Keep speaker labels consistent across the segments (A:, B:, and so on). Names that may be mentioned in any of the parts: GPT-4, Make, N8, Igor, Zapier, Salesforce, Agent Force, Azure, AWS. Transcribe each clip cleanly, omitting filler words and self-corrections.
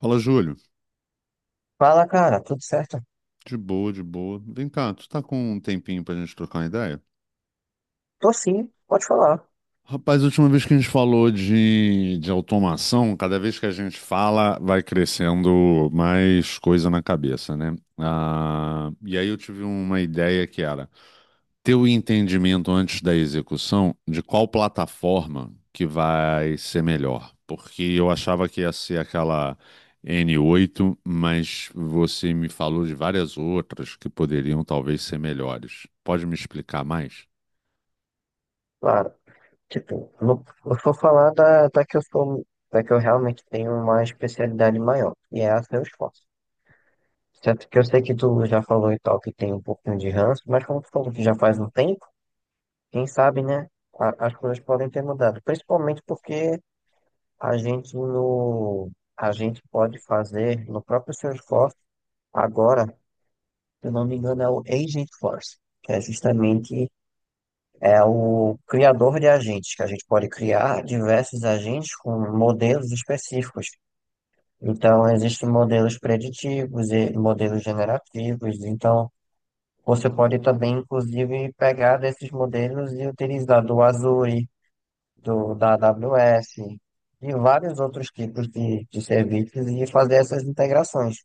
A: Fala, Júlio.
B: Fala, cara, tudo certo?
A: De boa, de boa. Vem cá, tu tá com um tempinho pra gente trocar uma ideia?
B: Tô sim, pode falar,
A: Rapaz, a última vez que a gente falou de automação, cada vez que a gente fala, vai crescendo mais coisa na cabeça, né? E aí eu tive uma ideia que era ter o entendimento antes da execução de qual plataforma que vai ser melhor. Porque eu achava que ia ser aquela N8, mas você me falou de várias outras que poderiam talvez ser melhores. Pode me explicar mais?
B: claro. Tipo, eu vou falar da que eu sou, da que eu realmente tenho uma especialidade maior, e é a Salesforce. Certo que eu sei que tu já falou e tal, que tem um pouquinho de ranço, mas como tu falou que já faz um tempo, quem sabe, né, as coisas podem ter mudado. Principalmente porque a gente no, a gente pode fazer no próprio Salesforce, agora, se eu não me engano, é o Agent Force, que é justamente. É o criador de agentes, que a gente pode criar diversos agentes com modelos específicos. Então, existem modelos preditivos e modelos generativos. Então, você pode também, inclusive, pegar desses modelos e utilizar do Azure, da AWS e vários outros tipos de serviços e fazer essas integrações.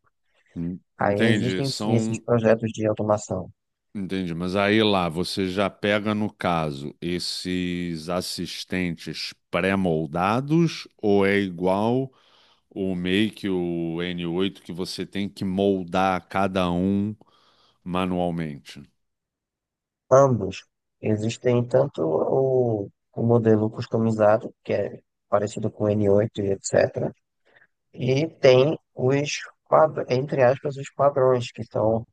B: Aí
A: Entendi,
B: existem sim esses
A: são.
B: projetos de automação.
A: Entendi, mas aí lá você já pega, no caso, esses assistentes pré-moldados ou é igual o Make, o n8, que você tem que moldar cada um manualmente.
B: Ambos. Existem tanto o modelo customizado, que é parecido com o N8 e etc. E tem os, entre aspas, os padrões, que são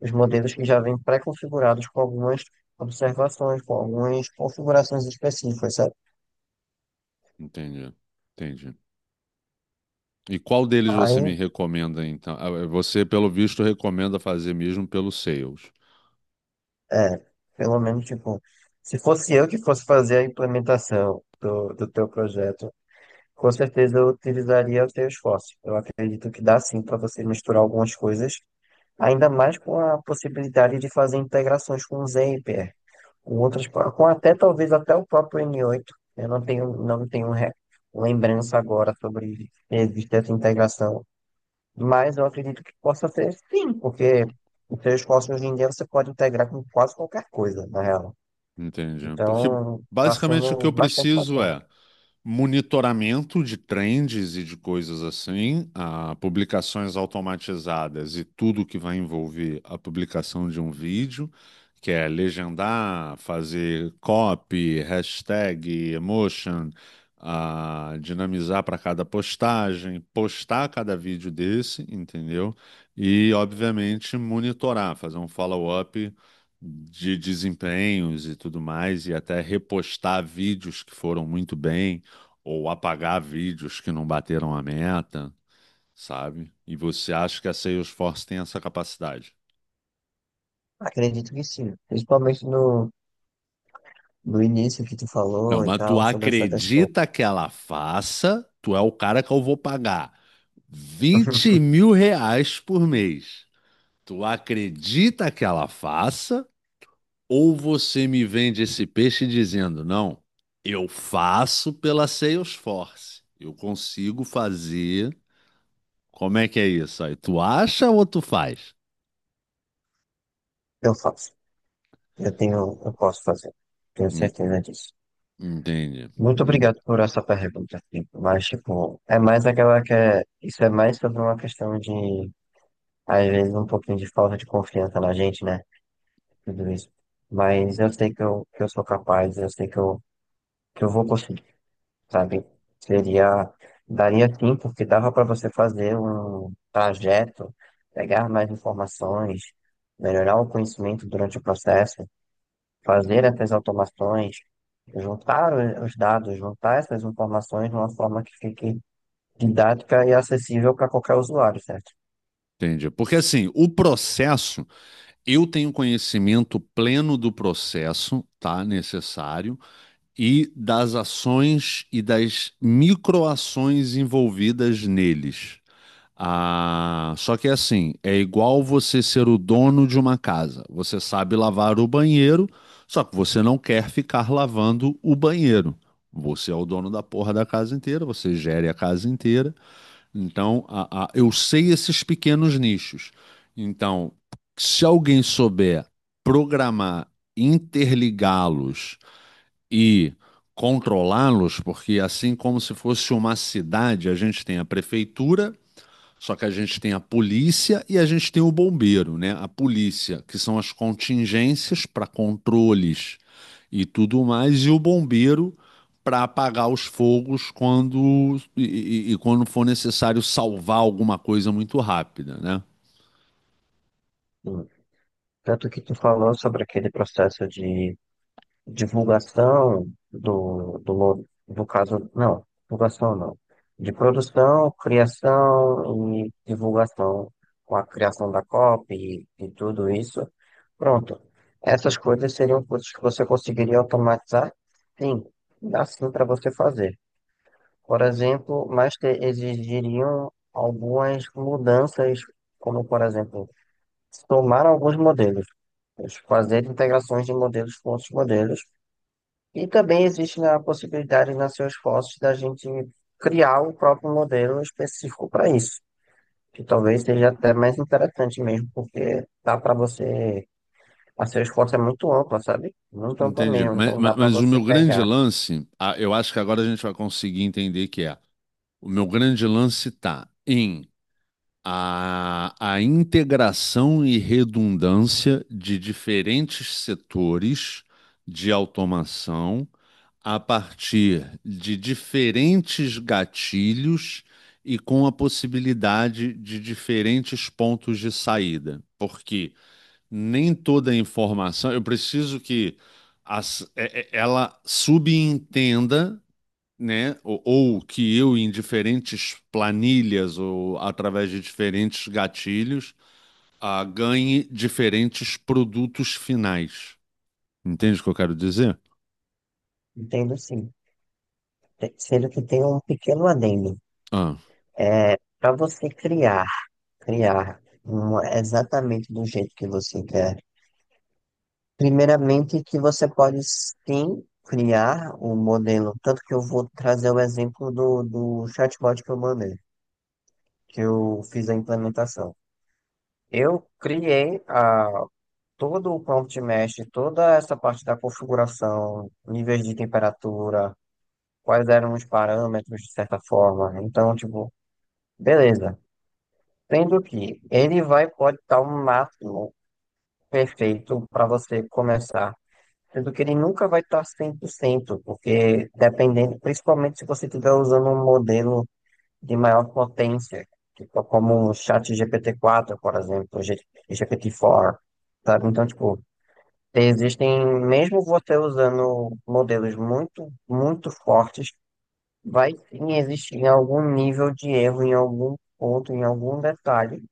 B: os modelos que já vêm pré-configurados com algumas observações, com algumas configurações específicas, sabe?
A: Entendi, entendi. E qual deles você me
B: Aí,
A: recomenda, então? Você, pelo visto, recomenda fazer mesmo pelo Sales.
B: é, pelo menos, tipo, se fosse eu que fosse fazer a implementação do teu projeto, com certeza eu utilizaria o Salesforce. Eu acredito que dá sim para você misturar algumas coisas. Ainda mais com a possibilidade de fazer integrações com o Zapier, com outras, com até talvez até o próprio N8. Eu não tenho lembrança agora sobre se existe essa integração, mas eu acredito que possa ser sim, porque o Salesforce hoje em dia você pode integrar com quase qualquer coisa, na real.
A: Entendi. Porque
B: Então, está
A: basicamente o que
B: sendo
A: eu
B: bastante
A: preciso
B: bacana.
A: é monitoramento de trends e de coisas assim, publicações automatizadas e tudo que vai envolver a publicação de um vídeo, que é legendar, fazer copy, hashtag, emotion, dinamizar para cada postagem, postar cada vídeo desse, entendeu? E, obviamente, monitorar, fazer um follow-up de desempenhos e tudo mais, e até repostar vídeos que foram muito bem ou apagar vídeos que não bateram a meta, sabe? E você acha que a Salesforce tem essa capacidade?
B: Acredito que sim, principalmente no início que tu
A: Não,
B: falou e
A: mas tu
B: tal, sobre essa questão.
A: acredita que ela faça? Tu é o cara que eu vou pagar 20 mil reais por mês. Tu acredita que ela faça? Ou você me vende esse peixe dizendo, não, eu faço pela Salesforce. Eu consigo fazer. Como é que é isso aí? Tu acha ou tu faz?
B: Eu faço. Eu tenho, eu posso fazer. Tenho
A: Hum,
B: certeza disso.
A: Entendi.
B: Muito obrigado por essa pergunta, tipo, mas, tipo, é mais aquela que é, isso é mais sobre uma questão de, às vezes, um pouquinho de falta de confiança na gente, né? Tudo isso. Mas eu sei que eu, que eu, sou capaz, eu sei que eu vou conseguir, sabe? Seria, daria sim, porque dava para você fazer um trajeto, pegar mais informações, melhorar o conhecimento durante o processo, fazer essas automações, juntar os dados, juntar essas informações de uma forma que fique didática e acessível para qualquer usuário, certo?
A: Entendi. Porque assim, o processo, eu tenho conhecimento pleno do processo, tá? Necessário, e das ações e das microações envolvidas neles. Só que assim, é igual você ser o dono de uma casa. Você sabe lavar o banheiro, só que você não quer ficar lavando o banheiro. Você é o dono da porra da casa inteira, você gere a casa inteira. Então, eu sei esses pequenos nichos. Então, se alguém souber programar, interligá-los e controlá-los, porque assim como se fosse uma cidade, a gente tem a prefeitura, só que a gente tem a polícia e a gente tem o bombeiro, né? A polícia, que são as contingências para controles e tudo mais, e o bombeiro para apagar os fogos quando e quando for necessário salvar alguma coisa muito rápida, né?
B: Sim. Tanto que tu falou sobre aquele processo de divulgação do caso, não, divulgação não, de produção, criação e divulgação, com a criação da copy e tudo isso. Pronto, essas coisas seriam coisas que você conseguiria automatizar? Sim, dá sim para você fazer. Por exemplo, mas exigiriam algumas mudanças, como por exemplo, somar alguns modelos, fazer integrações de modelos com outros modelos e também existe né, a possibilidade nas suas fotos da gente criar o próprio modelo específico para isso, que talvez seja até mais interessante mesmo, porque dá para você. A suas fotos é muito ampla, sabe? Muito ampla
A: Entendi.
B: mesmo, então dá para
A: Mas o
B: você
A: meu grande
B: pegar.
A: lance, eu acho que agora a gente vai conseguir entender, que é: o meu grande lance tá em a integração e redundância de diferentes setores de automação a partir de diferentes gatilhos e com a possibilidade de diferentes pontos de saída, porque nem toda a informação, eu preciso que ela subentenda, né? Ou que eu, em diferentes planilhas ou através de diferentes gatilhos, ganhe diferentes produtos finais. Entende o que eu quero dizer?
B: Entendo sim. Sendo que tem um pequeno adendo.
A: Ah.
B: Para você criar exatamente do jeito que você quer. Primeiramente, que você pode sim criar um modelo, tanto que eu vou trazer o exemplo do chatbot que eu mandei, que eu fiz a implementação. Eu criei todo o prompt mesh, toda essa parte da configuração, níveis de temperatura, quais eram os parâmetros, de certa forma. Então, tipo, beleza. Sendo que ele vai pode dar um máximo perfeito para você começar. Sendo que ele nunca vai estar 100%, porque dependendo, principalmente se você estiver usando um modelo de maior potência, tipo como o chat GPT-4, por exemplo, GPT-4, sabe? Então, tipo, existem, mesmo você usando modelos muito, muito fortes, vai sim existir algum nível de erro em algum ponto, em algum detalhe,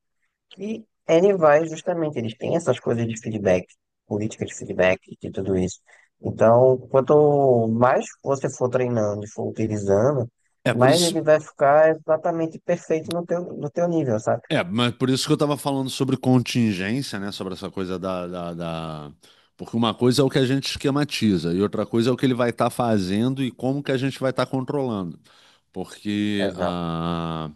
B: e ele vai justamente, eles têm essas coisas de feedback, política de feedback e tudo isso. Então, quanto mais você for treinando e for utilizando,
A: É por
B: mais ele
A: isso.
B: vai ficar exatamente perfeito no teu nível, sabe?
A: É, mas por isso que eu estava falando sobre contingência, né? Sobre essa coisa porque uma coisa é o que a gente esquematiza e outra coisa é o que ele vai estar fazendo e como que a gente vai estar controlando. Porque
B: Exato.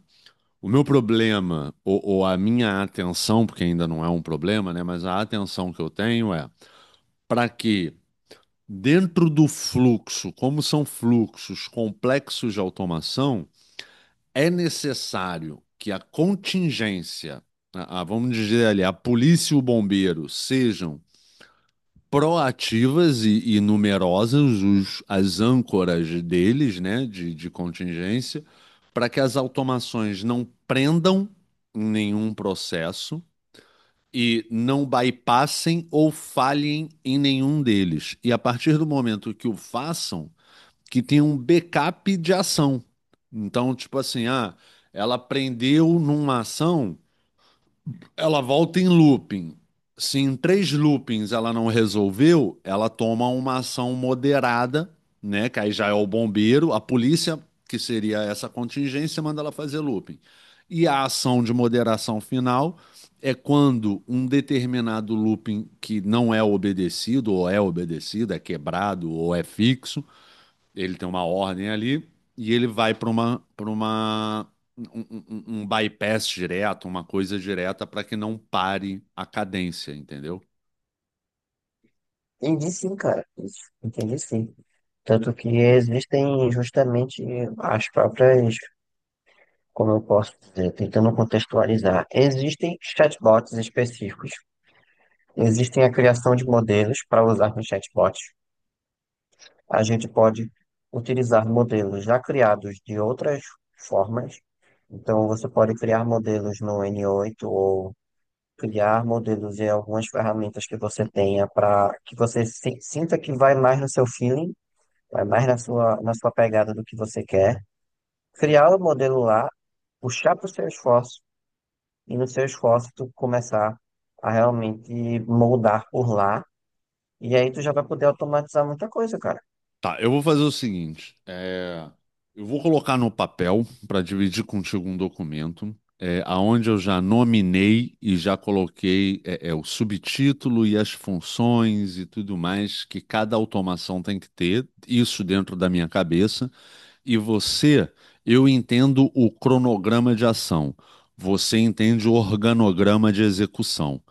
A: o meu problema, ou a minha atenção, porque ainda não é um problema, né? Mas a atenção que eu tenho é para que, dentro do fluxo, como são fluxos complexos de automação, é necessário que a contingência, vamos dizer ali, a polícia e o bombeiro sejam proativas e numerosas, as âncoras deles, né, de contingência, para que as automações não prendam nenhum processo e não bypassem ou falhem em nenhum deles. E a partir do momento que o façam, que tem um backup de ação. Então, tipo assim, ela prendeu numa ação, ela volta em looping. Se em 3 loopings ela não resolveu, ela toma uma ação moderada, né? Que aí já é o bombeiro, a polícia, que seria essa contingência, manda ela fazer looping. E a ação de moderação final é quando um determinado looping que não é obedecido, ou é obedecido, é quebrado, ou é fixo, ele tem uma ordem ali e ele vai para uma um, um- um um bypass direto, uma coisa direta para que não pare a cadência, entendeu?
B: Entendi sim, cara. Isso. Entendi sim. Tanto que existem justamente as próprias, como eu posso dizer, tentando contextualizar, existem chatbots específicos. Existem a criação de modelos para usar com chatbots. A gente pode utilizar modelos já criados de outras formas. Então, você pode criar modelos no N8 ou criar modelos em algumas ferramentas que você tenha para que você sinta que vai mais no seu feeling, vai mais na sua pegada do que você quer. Criar o modelo lá, puxar para o seu esforço e no seu esforço tu começar a realmente moldar por lá. E aí tu já vai poder automatizar muita coisa, cara.
A: Tá, eu vou fazer o seguinte, eu vou colocar no papel para dividir contigo um documento, aonde eu já nominei e já coloquei o subtítulo e as funções e tudo mais que cada automação tem que ter, isso dentro da minha cabeça. E você, eu entendo o cronograma de ação. Você entende o organograma de execução.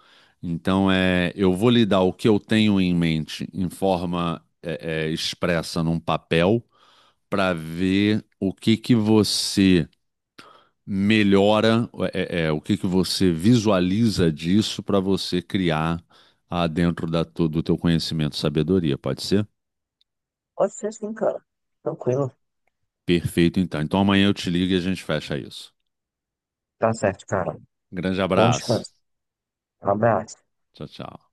A: Então, eu vou lhe dar o que eu tenho em mente em forma expressa num papel para ver o que que você melhora, o que que você visualiza disso para você criar, dentro da do teu conhecimento, sabedoria, pode ser?
B: Pode ser sim, cara. Tranquilo.
A: Perfeito, então. Então amanhã eu te ligo e a gente fecha isso.
B: Tá certo, cara.
A: Grande
B: Bom
A: abraço.
B: descanso. Um abraço.
A: Tchau, tchau.